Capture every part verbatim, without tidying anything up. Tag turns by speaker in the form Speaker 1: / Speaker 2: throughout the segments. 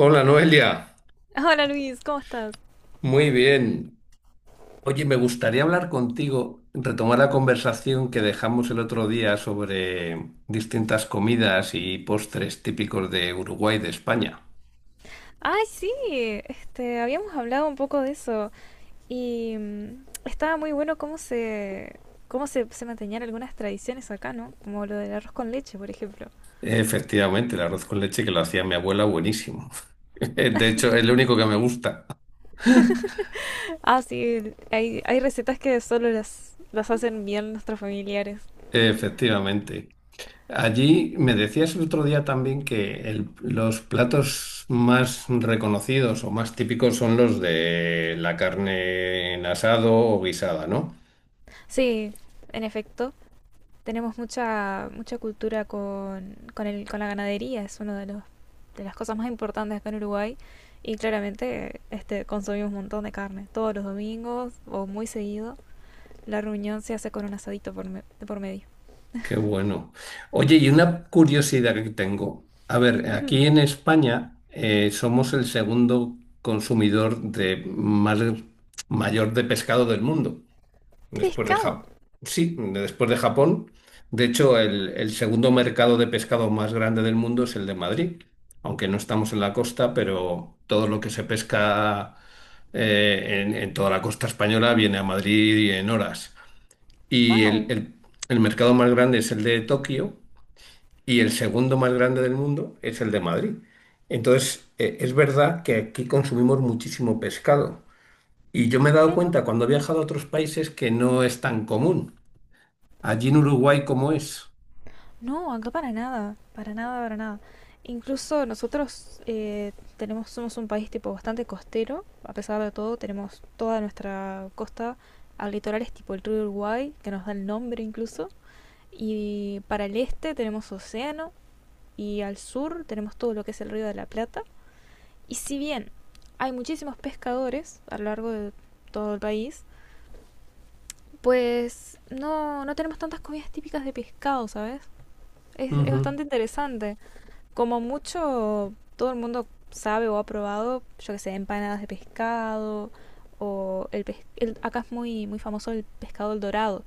Speaker 1: Hola Noelia,
Speaker 2: Hola Luis, ¿cómo estás?
Speaker 1: muy bien. Oye, me gustaría hablar contigo, retomar la conversación que dejamos el otro día sobre distintas comidas y postres típicos de Uruguay y de España.
Speaker 2: Ay, sí, este, habíamos hablado un poco de eso y mm, estaba muy bueno cómo se, cómo se, se mantenían algunas tradiciones acá, ¿no? Como lo del arroz con leche, por ejemplo.
Speaker 1: Efectivamente, el arroz con leche que lo hacía mi abuela, buenísimo. De hecho, es lo único que me gusta.
Speaker 2: Ah, sí, el- hay, hay recetas que solo las, las hacen bien nuestros familiares.
Speaker 1: Efectivamente. Allí me decías el otro día también que el- los platos más reconocidos o más típicos son los de la carne en asado o guisada, ¿no?
Speaker 2: Sí, en efecto. Tenemos mucha, mucha cultura con, con, el, con la ganadería, es una de, los, de las cosas más importantes acá en Uruguay. Y claramente este, consumimos un montón de carne, todos los domingos o muy seguido. La reunión se hace con un asadito por me- por medio.
Speaker 1: Qué bueno. Oye, y una curiosidad que tengo. A ver,
Speaker 2: Ujú.
Speaker 1: aquí en España eh, somos el segundo consumidor de más- mayor de pescado del mundo.
Speaker 2: ¡De
Speaker 1: Después de
Speaker 2: pescado!
Speaker 1: Japón. Sí, después de Japón. De hecho, el, el segundo mercado de pescado más grande del mundo es el de Madrid. Aunque no estamos en la costa, pero todo lo que se pesca eh, en, en toda la costa española viene a Madrid en horas. Y el,
Speaker 2: ¡Wow!
Speaker 1: el- el mercado más grande es el de Tokio y el segundo más grande del mundo es el de Madrid. Entonces, eh, es verdad que aquí consumimos muchísimo pescado. Y yo me he dado
Speaker 2: ¡Qué
Speaker 1: cuenta
Speaker 2: loco!
Speaker 1: cuando he viajado a otros países que no es tan común. Allí en Uruguay, ¿cómo es?
Speaker 2: No, acá para nada, para nada, para nada. Incluso nosotros eh, tenemos, somos un país tipo bastante costero, a pesar de todo, tenemos toda nuestra costa al litoral es tipo el río Uruguay, que nos da el nombre incluso, y para el este tenemos océano y al sur tenemos todo lo que es el río de la Plata. Y si bien hay muchísimos pescadores a lo largo de todo el país, pues no, no tenemos tantas comidas típicas de pescado, ¿sabes? Es, es
Speaker 1: Ujú.
Speaker 2: bastante interesante. Como mucho, todo el mundo sabe o ha probado, yo que sé, empanadas de pescado o el, pes- el- acá es muy muy famoso el pescado el dorado,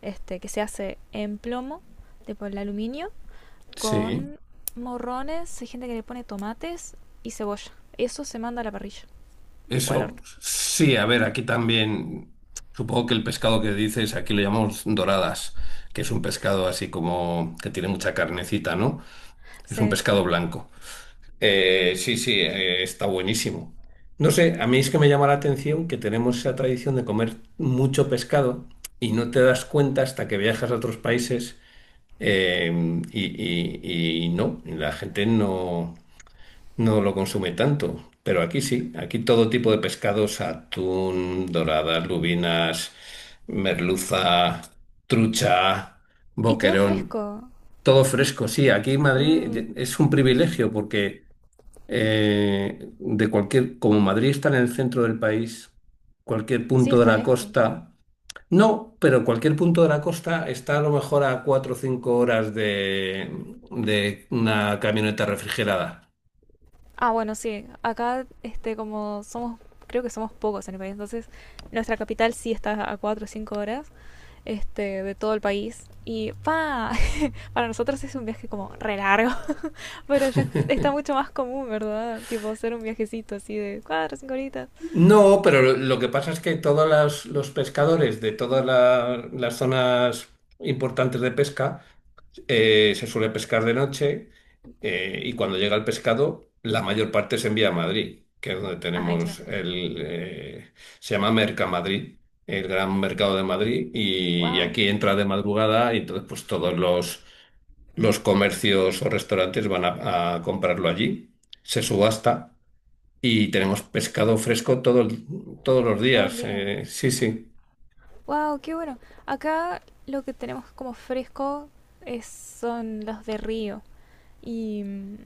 Speaker 2: este que se hace en plomo, de por el aluminio
Speaker 1: Sí,
Speaker 2: con morrones, hay gente que le pone tomates y cebolla. Eso se manda a la parrilla o al
Speaker 1: eso
Speaker 2: horno.
Speaker 1: sí, a ver, aquí también supongo que el pescado que dices, aquí lo llamamos doradas, que es un pescado así como que tiene mucha carnecita, ¿no? Es un
Speaker 2: Sí.
Speaker 1: pescado blanco. Eh, sí, sí, eh, está buenísimo. No sé, a mí es que me llama la atención que tenemos esa tradición de comer mucho pescado y no te das cuenta hasta que viajas a otros países eh, y, y y no, y la gente no. No lo consume tanto, pero aquí sí, aquí todo tipo de pescados, atún, doradas, lubinas, merluza, trucha,
Speaker 2: Y todo
Speaker 1: boquerón,
Speaker 2: fresco.
Speaker 1: todo fresco. Sí, aquí en Madrid
Speaker 2: Mm,
Speaker 1: es un privilegio porque eh, de cualquier, como Madrid está en el centro del país, cualquier
Speaker 2: sí,
Speaker 1: punto de
Speaker 2: está
Speaker 1: la
Speaker 2: lejos.
Speaker 1: costa, no, pero cualquier punto de la costa está a lo mejor a cuatro o cinco horas de, de una camioneta refrigerada.
Speaker 2: Ah, bueno, sí. Acá, este, como somos, creo que somos pocos en el país, entonces nuestra capital sí está a cuatro o cinco horas, este, de todo el país. Y pa, para nosotros es un viaje como re largo, pero ya está mucho más común, ¿verdad? Tipo hacer un viajecito así de cuatro o cinco horitas.
Speaker 1: No, pero lo, lo que pasa es que todos las- los pescadores de todas la- las zonas importantes de pesca eh, se suele pescar de noche eh, y cuando llega el pescado la mayor parte se envía a Madrid, que es donde
Speaker 2: Ah, claro.
Speaker 1: tenemos el... eh, se llama Mercamadrid, el gran mercado de Madrid y, y
Speaker 2: Wow,
Speaker 1: aquí entra de madrugada y entonces pues todos los, los comercios o restaurantes van a a comprarlo allí, se subasta. Y tenemos pescado fresco todo el- todos los
Speaker 2: todo el
Speaker 1: días.
Speaker 2: día.
Speaker 1: eh, sí, sí.
Speaker 2: Wow, qué bueno. Acá lo que tenemos como fresco es, son los de río. Y mm,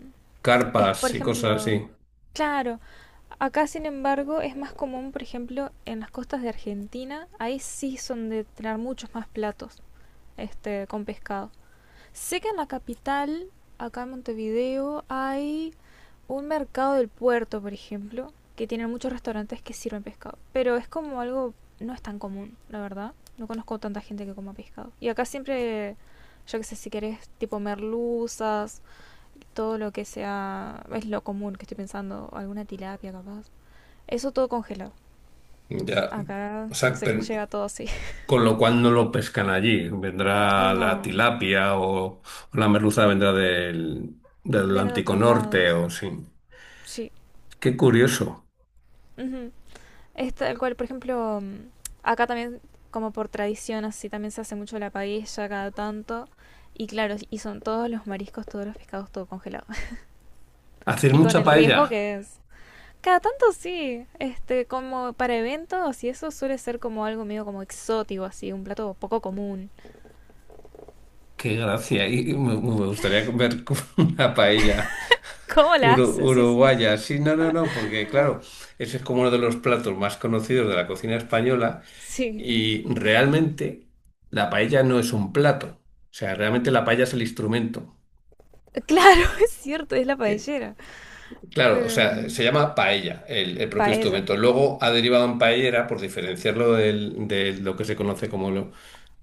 Speaker 2: es, por
Speaker 1: Carpas y cosas
Speaker 2: ejemplo,
Speaker 1: así.
Speaker 2: claro, acá, sin embargo, es más común, por ejemplo, en las costas de Argentina, ahí sí son de tener muchos más platos este, con pescado. Sé que en la capital, acá en Montevideo, hay un mercado del puerto, por ejemplo, que tiene muchos restaurantes que sirven pescado, pero es como algo, no es tan común, la verdad. No conozco tanta gente que coma pescado. Y acá siempre, yo que sé, si querés, tipo merluzas, todo lo que sea, es lo común que estoy pensando, alguna tilapia capaz. Eso todo congelado.
Speaker 1: Ya.
Speaker 2: Acá
Speaker 1: O sea,
Speaker 2: se
Speaker 1: pero-
Speaker 2: llega todo así.
Speaker 1: con lo cual no lo pescan allí. Vendrá la
Speaker 2: No,
Speaker 1: tilapia o, o la merluza vendrá del, del
Speaker 2: viene de
Speaker 1: Atlántico
Speaker 2: otros lados.
Speaker 1: Norte o sí.
Speaker 2: Sí.
Speaker 1: Qué curioso.
Speaker 2: Ujú. Es tal cual, por ejemplo, mm, acá también, como por tradición, así también se hace mucho la paella cada tanto. Y claro, y son todos los mariscos, todos los pescados, todo congelado.
Speaker 1: ¿Haces
Speaker 2: Y con
Speaker 1: mucha
Speaker 2: el
Speaker 1: paella?
Speaker 2: riesgo que es. Cada tanto sí, este, como para eventos y eso suele ser como algo medio como exótico, así, un plato poco común.
Speaker 1: Qué gracia. Y y me, me gustaría comer una paella.
Speaker 2: ¿Cómo la
Speaker 1: Uru-
Speaker 2: hacen? Sí, sí.
Speaker 1: uruguaya, sí, no, no, no, porque claro, ese es como uno de los platos más conocidos de la cocina española
Speaker 2: Sí.
Speaker 1: y realmente la paella no es un plato, o sea, realmente la paella es el instrumento.
Speaker 2: Claro, es cierto, es la
Speaker 1: Eh,
Speaker 2: paellera.
Speaker 1: claro, o sea,
Speaker 2: Pero
Speaker 1: se llama paella el, el propio
Speaker 2: paella,
Speaker 1: instrumento. Luego ha derivado en paellera por diferenciarlo del- de lo que se conoce como, lo-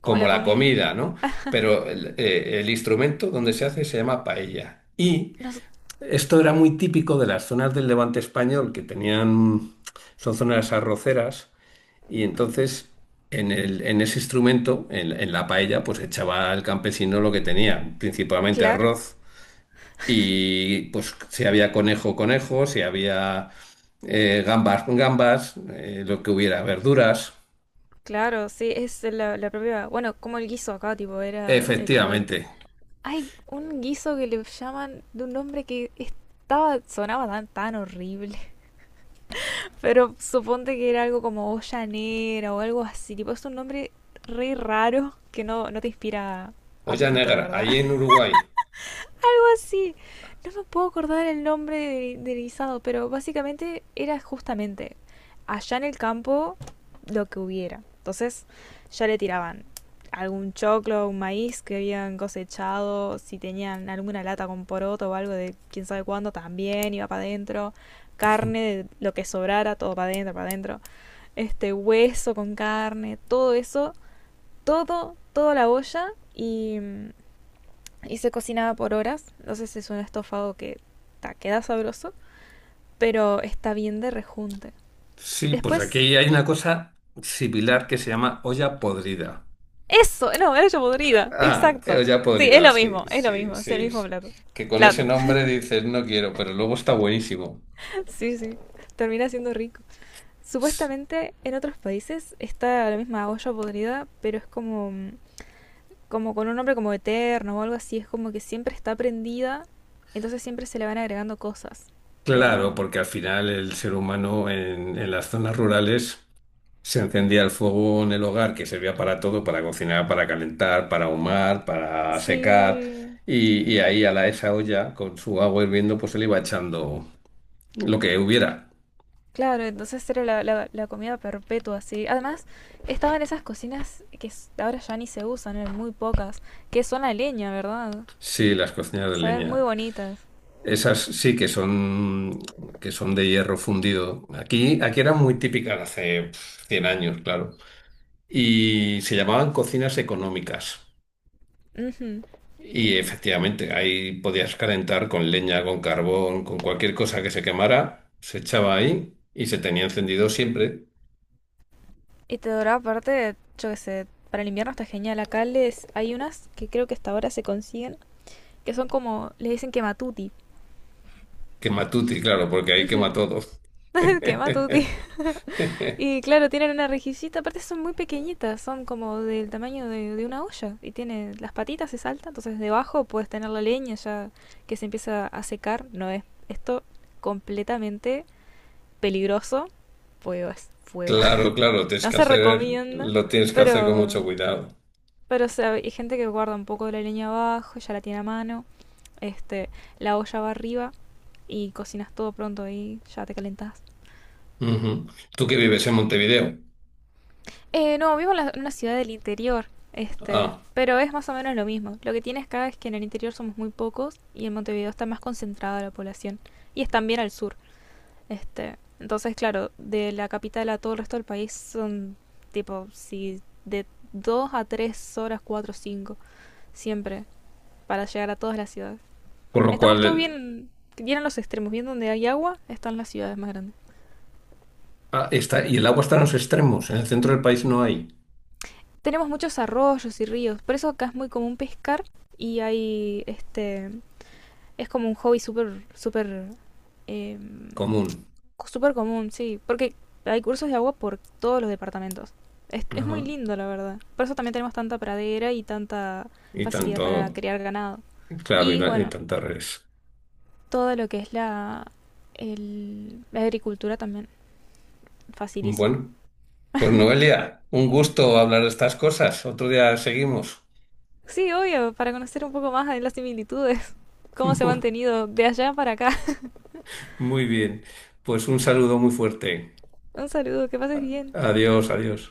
Speaker 2: como
Speaker 1: como
Speaker 2: la
Speaker 1: la
Speaker 2: comida.
Speaker 1: comida, ¿no? Pero el, eh, el instrumento donde se hace se llama paella.
Speaker 2: No sé,
Speaker 1: Esto era muy típico de las zonas del Levante español que tenían, son zonas arroceras y entonces en el- en ese instrumento, en, en la paella, pues echaba el campesino lo que tenía, principalmente
Speaker 2: claro,
Speaker 1: arroz y pues si había conejo, conejo, si había eh, gambas, gambas, eh, lo que hubiera, verduras,
Speaker 2: claro, sí, es la, la propia. Bueno, como el guiso acá, tipo, era eh, como el.
Speaker 1: efectivamente.
Speaker 2: Hay un guiso que le llaman de un nombre que estaba, sonaba tan, tan horrible. Pero suponte que era algo como ollanera o algo así, tipo, es un nombre re raro que no, no te inspira
Speaker 1: Olla
Speaker 2: apetito, la
Speaker 1: negra,
Speaker 2: verdad.
Speaker 1: ahí en Uruguay.
Speaker 2: Sí, no me puedo acordar el nombre de- del guisado, pero básicamente era justamente allá en el campo lo que hubiera. Entonces ya le tiraban algún choclo, un maíz que habían cosechado, si tenían alguna lata con poroto o algo de quién sabe cuándo, también iba para adentro, carne, de lo que sobrara, todo para adentro, para adentro, este hueso con carne, todo eso, todo, toda la olla y mm, y se cocinaba por horas. Entonces es un estofado que ta, queda sabroso, pero está bien de rejunte.
Speaker 1: Sí, pues
Speaker 2: Después,
Speaker 1: aquí hay una cosa similar que se llama olla podrida.
Speaker 2: eso, no, era yo podrida,
Speaker 1: Ah,
Speaker 2: exacto.
Speaker 1: eh, ya
Speaker 2: Sí, es
Speaker 1: podrida,
Speaker 2: lo mismo,
Speaker 1: sí,
Speaker 2: es lo
Speaker 1: sí,
Speaker 2: mismo, es el
Speaker 1: sí.
Speaker 2: mismo plato.
Speaker 1: Que con ese
Speaker 2: Plato,
Speaker 1: nombre dices no quiero, pero luego está buenísimo.
Speaker 2: sí, sí, termina siendo rico. Supuestamente en otros países está la misma olla podrida, pero es como, como con un nombre como eterno o algo así, es como que siempre está prendida, entonces siempre se le van agregando cosas.
Speaker 1: Claro,
Speaker 2: Pero
Speaker 1: porque al final el ser humano en, en las zonas rurales se encendía el fuego en el hogar que servía para todo, para cocinar, para calentar, para ahumar, para secar.
Speaker 2: sí,
Speaker 1: Y, y ahí a la, esa olla con su agua hirviendo pues se le iba echando lo que hubiera.
Speaker 2: claro, entonces era la, la- la comida perpetua, así. Además, estaban esas cocinas que s- ahora ya ni se usan, eran muy pocas, que son a leña, ¿verdad?
Speaker 1: Sí, las cocinas de
Speaker 2: Se ven muy
Speaker 1: leña.
Speaker 2: bonitas.
Speaker 1: Esas sí que son, que son de hierro fundido. Aquí, aquí eran muy típicas hace pf, cien años, claro. Y se llamaban cocinas económicas.
Speaker 2: Ujú.
Speaker 1: Y efectivamente, ahí podías calentar con leña, con carbón, con cualquier cosa que se quemara, se echaba ahí y se tenía encendido siempre.
Speaker 2: Y te duraba aparte, yo qué sé, para el invierno está genial. Acá les, hay unas que creo que hasta ahora se consiguen, que son como, le dicen quematuti.
Speaker 1: Quematuti, claro, porque ahí quema
Speaker 2: Ujú.
Speaker 1: todo.
Speaker 2: Quematuti. Y claro, tienen una rejillita, aparte son muy pequeñitas, son como del tamaño de, de una olla. Y tiene las patitas, se salta, entonces debajo puedes tener la leña ya que se empieza a secar. No es esto completamente peligroso, fuego es fuego.
Speaker 1: Claro, claro, tienes
Speaker 2: No
Speaker 1: que
Speaker 2: se
Speaker 1: hacer,
Speaker 2: recomienda,
Speaker 1: lo tienes que hacer con
Speaker 2: pero,
Speaker 1: mucho cuidado.
Speaker 2: pero o sea, hay gente que guarda un poco de la leña abajo, ya la tiene a mano, este, la olla va arriba y cocinas todo pronto y ya te calentás.
Speaker 1: Ujú. ¿Tú que vives en Montevideo?
Speaker 2: Eh, no, vivo en, la- en una ciudad del interior, este,
Speaker 1: Ah.
Speaker 2: pero es más o menos lo mismo. Lo que tienes acá es que en el interior somos muy pocos y en Montevideo está más concentrada la población y es también al sur, este. Entonces, claro, de la capital a todo el resto del país son tipo, si de dos a tres horas, cuatro, o cinco, siempre, para llegar a todas las ciudades.
Speaker 1: Con lo
Speaker 2: Estamos
Speaker 1: cual,
Speaker 2: todos
Speaker 1: el-
Speaker 2: bien, bien en los extremos, bien donde hay agua, están las ciudades más grandes.
Speaker 1: ah, está, y el agua está en los extremos, en el centro del país no hay
Speaker 2: Tenemos muchos arroyos y ríos, por eso acá es muy común pescar y hay este es como un hobby súper, súper, eh,
Speaker 1: común.
Speaker 2: súper común, sí. Porque hay cursos de agua por todos los departamentos. Es, es
Speaker 1: Ajá.
Speaker 2: muy lindo, la verdad. Por eso también tenemos tanta pradera y tanta
Speaker 1: Y
Speaker 2: facilidad para
Speaker 1: tanto,
Speaker 2: criar ganado.
Speaker 1: claro, y,
Speaker 2: Y
Speaker 1: ta- y
Speaker 2: bueno,
Speaker 1: tantas redes.
Speaker 2: todo lo que es la, el- la agricultura también, facilísimo.
Speaker 1: Bueno, pues Noelia, un gusto hablar de estas cosas. Otro día seguimos.
Speaker 2: Sí, obvio, para conocer un poco más de las similitudes, cómo se ha mantenido de allá para acá.
Speaker 1: Muy bien, pues un saludo muy fuerte.
Speaker 2: Un saludo, que pases bien.
Speaker 1: Adiós, adiós.